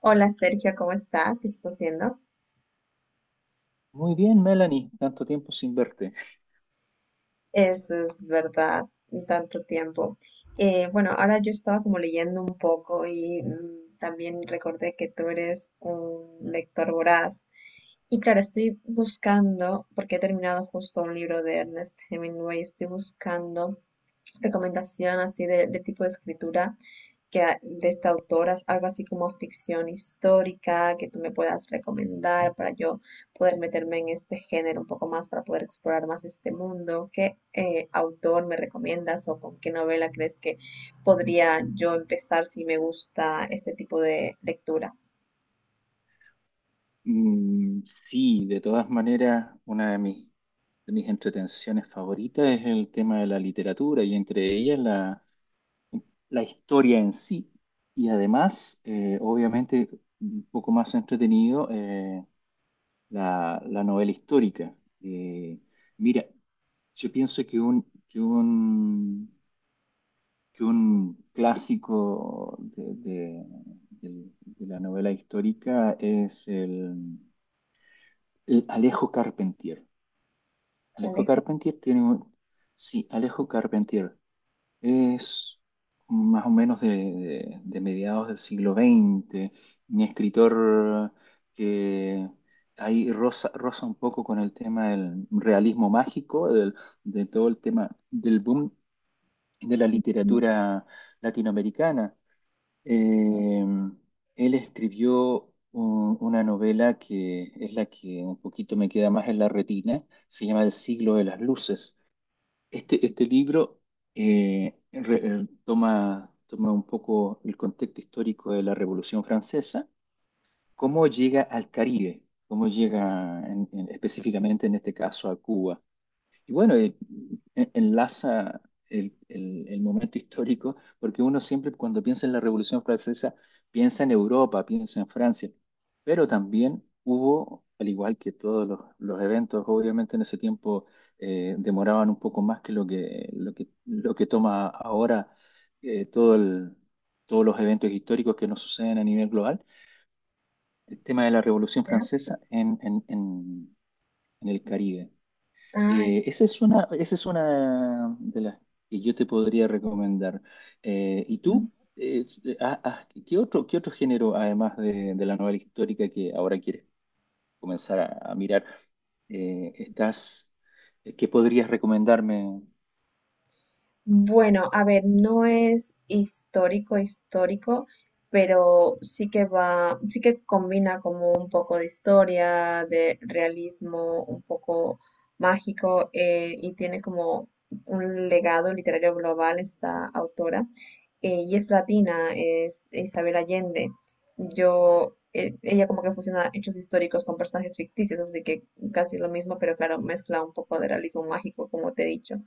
Hola Sergio, ¿cómo estás? ¿Qué estás haciendo? Muy bien, Melanie, tanto tiempo sin verte. Eso es verdad, tanto tiempo. Bueno, ahora yo estaba como leyendo un poco y también recordé que tú eres un lector voraz. Y claro, estoy buscando, porque he terminado justo un libro de Ernest Hemingway, estoy buscando recomendación así de tipo de escritura que de esta autora, algo así como ficción histórica que tú me puedas recomendar para yo poder meterme en este género un poco más, ¿para poder explorar más este mundo? ¿Qué, autor me recomiendas o con qué novela crees que podría yo empezar si me gusta este tipo de lectura? Mm, sí, de todas maneras, una de de mis entretenciones favoritas es el tema de la literatura y entre ellas la historia en sí. Y además, obviamente, un poco más entretenido, la novela histórica. Eh, Mira, yo pienso que que un clásico de la novela histórica es Alejo Carpentier. Alejo Alejo. Carpentier tiene un... Sí, Alejo Carpentier es más o menos de mediados del siglo XX, un escritor que ahí roza un poco con el tema del realismo mágico, de todo el tema del boom de la Ujú. literatura latinoamericana. Ujú. Eh, Él escribió una novela que es la que un poquito me queda más en la retina, se llama El siglo de las luces. Este libro toma un poco el contexto histórico de la Revolución Francesa, cómo llega al Caribe, cómo llega específicamente en este caso a Cuba y bueno, enlaza el momento histórico, porque uno siempre cuando piensa en la Revolución Francesa, piensa en Europa, piensa en Francia, pero también hubo, al igual que todos los eventos, obviamente en ese tiempo demoraban un poco más que lo que toma ahora, eh, todo el- todos los eventos históricos que nos suceden a nivel global, el tema de la Revolución Ya. Francesa en el Caribe. Ah, Esa es una de las que yo te podría recomendar. ¿Y tú? está. Qué otro género, además de la novela histórica que ahora quieres comenzar a mirar, eh, estás, qué podrías recomendarme? Bueno, a ver, no es histórico, histórico, pero sí que va, sí que combina como un poco de historia, de realismo, un poco mágico, y tiene como un legado literario global esta autora. Y es latina, es Isabel Allende. Ella como que fusiona hechos históricos con personajes ficticios, así que casi lo mismo, pero claro, mezcla un poco de realismo mágico, como te he dicho.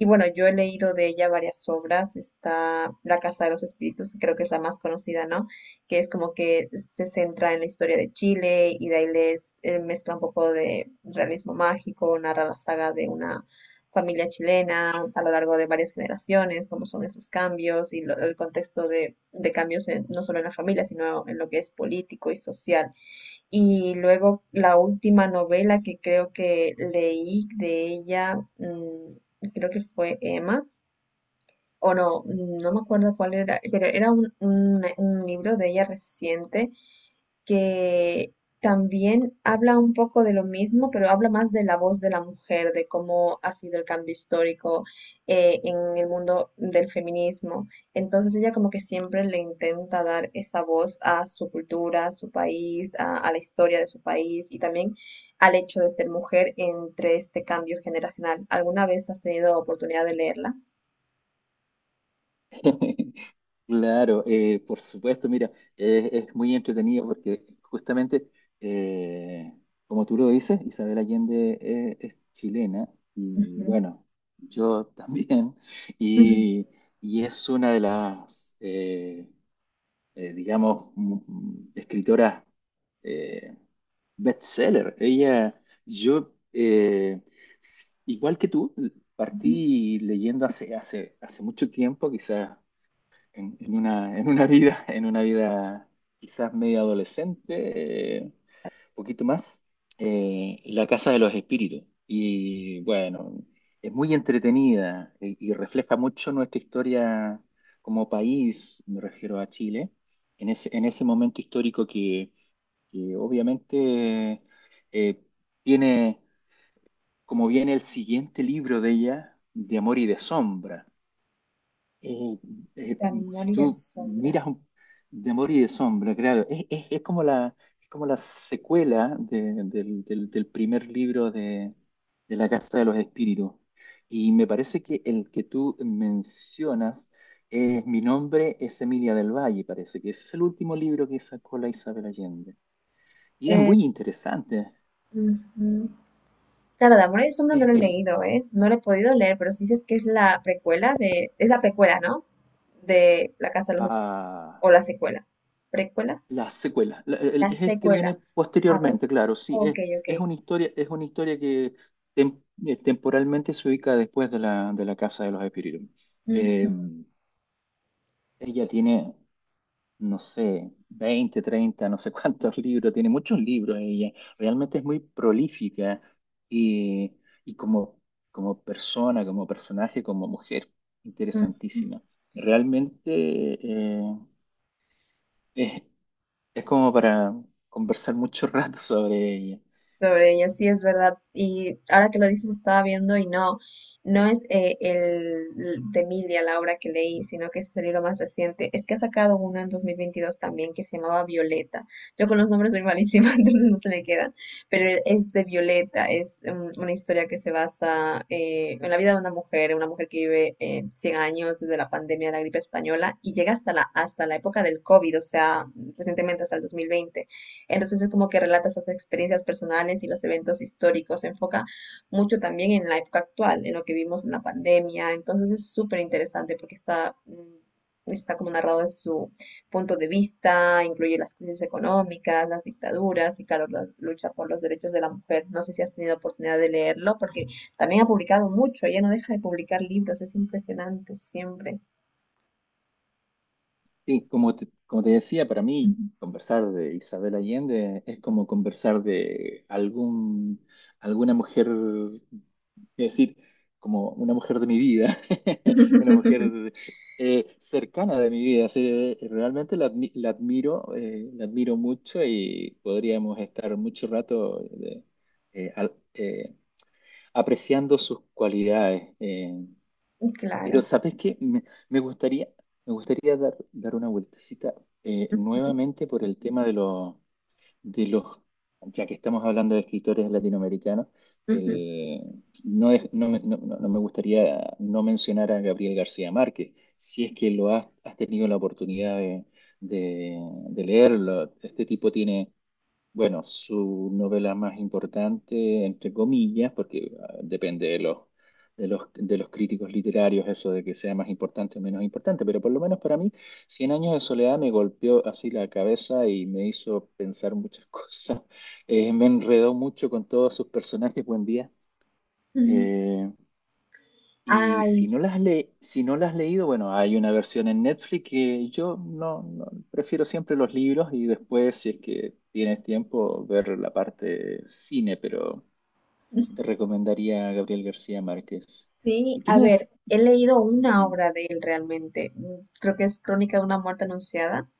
Y bueno, yo he leído de ella varias obras. Está La Casa de los Espíritus, que creo que es la más conocida, ¿no? Que es como que se centra en la historia de Chile y de ahí les mezcla un poco de realismo mágico, narra la saga de una familia chilena a lo largo de varias generaciones, cómo son esos cambios y el contexto de cambios no solo en la familia, sino en lo que es político y social. Y luego la última novela que creo que leí de ella, creo que fue Emma, o no, no me acuerdo cuál era, pero era un libro de ella reciente que también habla un poco de lo mismo, pero habla más de la voz de la mujer, de cómo ha sido el cambio histórico en el mundo del feminismo. Entonces ella como que siempre le intenta dar esa voz a su cultura, a su país, a la historia de su país y también al hecho de ser mujer entre este cambio generacional. ¿Alguna vez has tenido oportunidad de leerla? Claro, por supuesto, mira, es muy entretenido porque justamente, eh, como tú lo dices, Isabel Allende, es chilena y Ujú. bueno, yo también, Ujú. y, y es una de las, digamos, escritoras eh, bestseller. Ella, yo, eh, igual que tú, Ujú. partí leyendo hace mucho tiempo, quizás en una vida quizás media adolescente, poquito más, La Casa de los Espíritus. Y bueno, es muy entretenida y refleja mucho nuestra historia como país, me refiero a Chile, en ese momento histórico que obviamente eh, tiene, como viene el siguiente libro de ella, De Amor y de Sombra. Eh, eh, De amor si y de tú sombra. miras de Amor y de Sombra, claro, es como es como la secuela del primer libro de La Casa de los Espíritus. Y me parece que el que tú mencionas es Mi nombre es Emilia del Valle, parece que ese es el último libro que sacó la Isabel Allende. Y es Eh, muy interesante. ujú. Claro, de Amor y Sombras Es, no lo he es- leído, ¿eh? No lo he podido leer, pero si dices que es la precuela de... Es la precuela, ¿no? De La Casa de los Espíritus. O ah, la secuela. ¿Precuela? La secuela, La es el que viene secuela. Ah, vale. posteriormente, claro, sí, Ok, ok. Es una historia que temporalmente se ubica después de la Casa de los Espíritus. Eh, Ujú, ella tiene, no sé, 20 30 no sé cuántos libros, tiene muchos libros ella, realmente es muy prolífica y, y como, como persona, como personaje, como mujer, ujú, interesantísima. Realmente eh, es, es como para conversar mucho rato sobre ella. sobre ella, sí es verdad. Y ahora que lo dices, estaba viendo y no, no es, el de Emilia, la obra que leí, sino que es el libro más reciente. Es que ha sacado uno en 2022 también que se llamaba Violeta. Yo con los nombres soy malísima, entonces no se me quedan, pero es de Violeta, es, una historia que se basa en la vida de una mujer que vive, 100 años desde la pandemia de la gripe española y llega hasta hasta la época del COVID, o sea, recientemente hasta el 2020. Entonces es como que relata esas experiencias personales y los eventos históricos. Se enfoca mucho también en la época actual, en lo que vimos en la pandemia. Entonces es súper interesante porque está, está como narrado desde su punto de vista, incluye las crisis económicas, las dictaduras y claro, la lucha por los derechos de la mujer. No sé si has tenido oportunidad de leerlo porque también ha publicado mucho. Ella no deja de publicar libros. Es impresionante siempre. Sí, como te decía, para Ujú. mí conversar de Isabel Allende es como conversar de algún, alguna mujer, es decir, como una mujer de mi vida, una mujer cercana de mi vida. Así, realmente la admiro mucho y podríamos estar mucho rato eh, al- eh, apreciando sus cualidades. Pero Claro. ¿sabes qué? Me gustaría, Me gustaría dar una vueltecita Ujú, nuevamente por el tema de los, ya que estamos hablando de escritores latinoamericanos, ujú, eh, no me gustaría no mencionar a Gabriel García Márquez, si es que has tenido la oportunidad de, de leerlo. Este tipo tiene bueno, su novela más importante, entre comillas, porque ah, depende de los críticos literarios eso de que sea más importante o menos importante, pero por lo menos para mí, Cien años de soledad me golpeó así la cabeza y me hizo pensar muchas cosas. Me enredó mucho con todos sus personajes, buen día. ujú. Eh, y Ay. si no las si no las has leído, bueno, hay una versión en Netflix que yo prefiero siempre los libros y después, si es que tienes tiempo, ver la parte cine, pero te recomendaría a Gabriel García Márquez. Sí, Y tú a me ver, des, he leído una ujú. obra de él realmente. Creo que es Crónica de una muerte anunciada.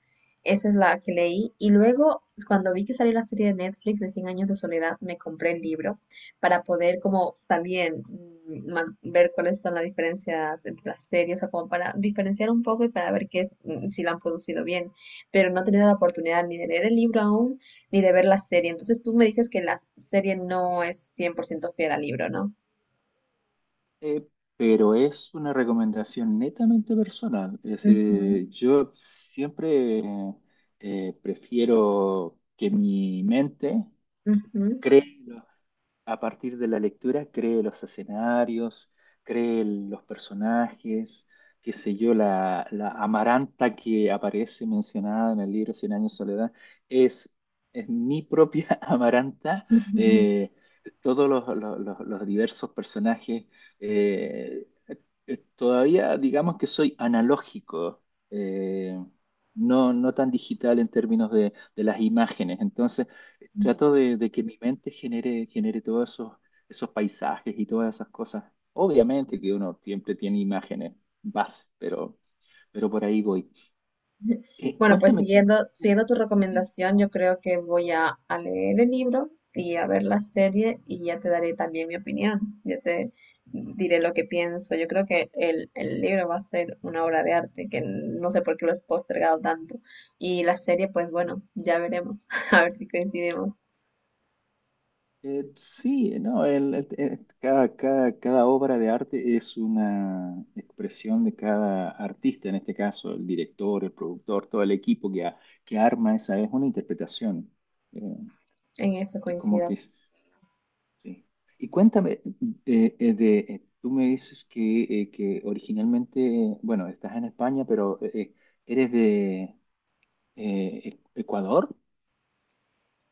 Esa es la que leí. Y luego, cuando vi que salió la serie de Netflix de Cien años de soledad, me compré el libro para poder como también, ver cuáles son las diferencias entre las series, o sea, como para diferenciar un poco y para ver qué es, si la han producido bien. Pero no he tenido la oportunidad ni de leer el libro aún, ni de ver la serie. Entonces tú me dices que la serie no es 100% fiel al libro, ¿no? Eh, pero es una recomendación netamente personal. Es Ujú. decir, yo siempre prefiero que mi mente Ujú. cree. A partir de la lectura, cree los escenarios, cree los personajes, qué sé yo, la Amaranta que aparece mencionada en el libro Cien años de soledad, es, es mi propia Amaranta. Eh, todos los- Los diversos personajes, eh, todavía digamos que soy analógico, eh, no tan digital en términos de las imágenes. Entonces, trato de que mi mente genere todos esos, esos paisajes y todas esas cosas. Obviamente que uno siempre tiene imágenes base, pero por ahí voy. Bueno, pues Cuéntame, siguiendo tu recomendación, yo creo que voy a leer el libro y a ver la serie y ya te daré también mi opinión, ya te diré lo que pienso. Yo creo que el libro va a ser una obra de arte, que no sé por qué lo has postergado tanto. Y la serie, pues bueno, ya veremos, a ver si coincidimos sí, no, el- cada, cada, cada obra de arte es una expresión de cada artista, en este caso el director, el productor, todo el equipo que arma esa, es una interpretación. Eh, en eso, es como coincido. que es- Sí. Y cuéntame, tú me dices que originalmente, bueno, estás en España, pero eres de Ecuador.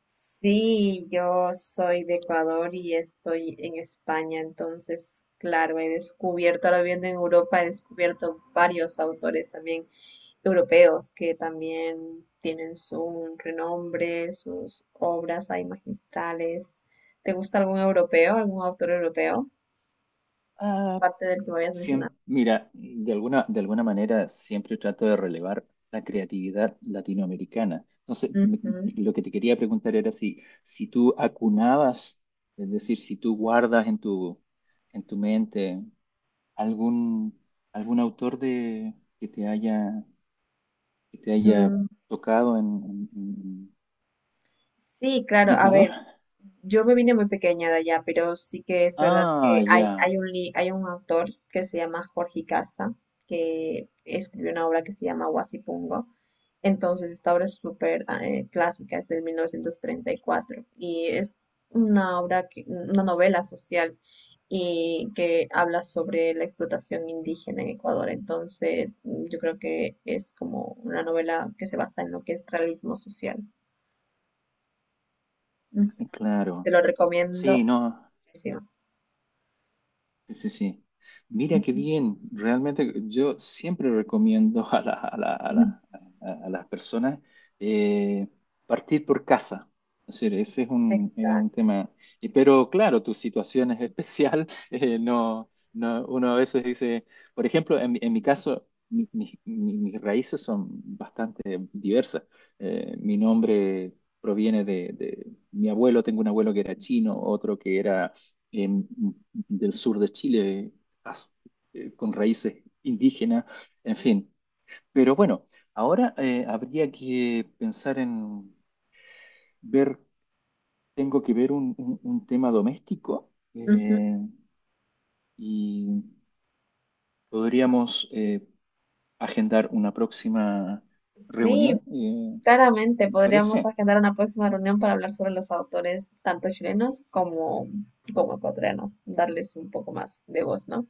Sí, yo soy de Ecuador y estoy en España, entonces, claro, he descubierto, ahora viviendo en Europa, he descubierto varios autores también europeos que también tienen su renombre, sus obras hay magistrales. ¿Te gusta algún europeo, algún autor europeo, Ah, aparte del que me habías mencionado? Mira, de alguna manera siempre trato de relevar la creatividad latinoamericana. Ujú. Lo que te quería preguntar era si tú acunabas, es decir, si tú guardas en tu mente algún, algún autor de, que te que te haya Mm. tocado Sí, claro, ¿de a Ecuador? ver, yo me vine muy pequeña de allá, pero sí que es verdad Ah, que hay, ya, hay un, hay un autor que se llama Jorge Icaza, que escribió una obra que se llama Huasipungo. Entonces, esta obra es súper, clásica, es del 1934 y es una obra, una novela social y que habla sobre la explotación indígena en Ecuador. Entonces, yo creo que es como una novela que se basa en lo que es realismo social. claro. Te lo recomiendo Sí, no. muchísimo. Sí, sí, sí. Mira qué bien. Realmente yo siempre recomiendo Ujú. A las personas eh, partir por casa. Es decir, ese es es un Exacto. tema. Y, pero claro, tu situación es especial. No, no, uno a veces dice, por ejemplo, en mi caso, mis raíces son bastante diversas. Mi nombre proviene de mi abuelo, tengo un abuelo que era chino, otro que era... em, del sur de Chile, con raíces indígenas, en fin. Pero bueno, ahora habría que pensar en ver, tengo que ver un tema doméstico Ujú. Y podríamos agendar una próxima Sí, reunión, claramente ¿te podríamos parece? agendar una próxima reunión para hablar sobre los autores, tanto chilenos como, como ecuatorianos, darles un poco más de voz, ¿no?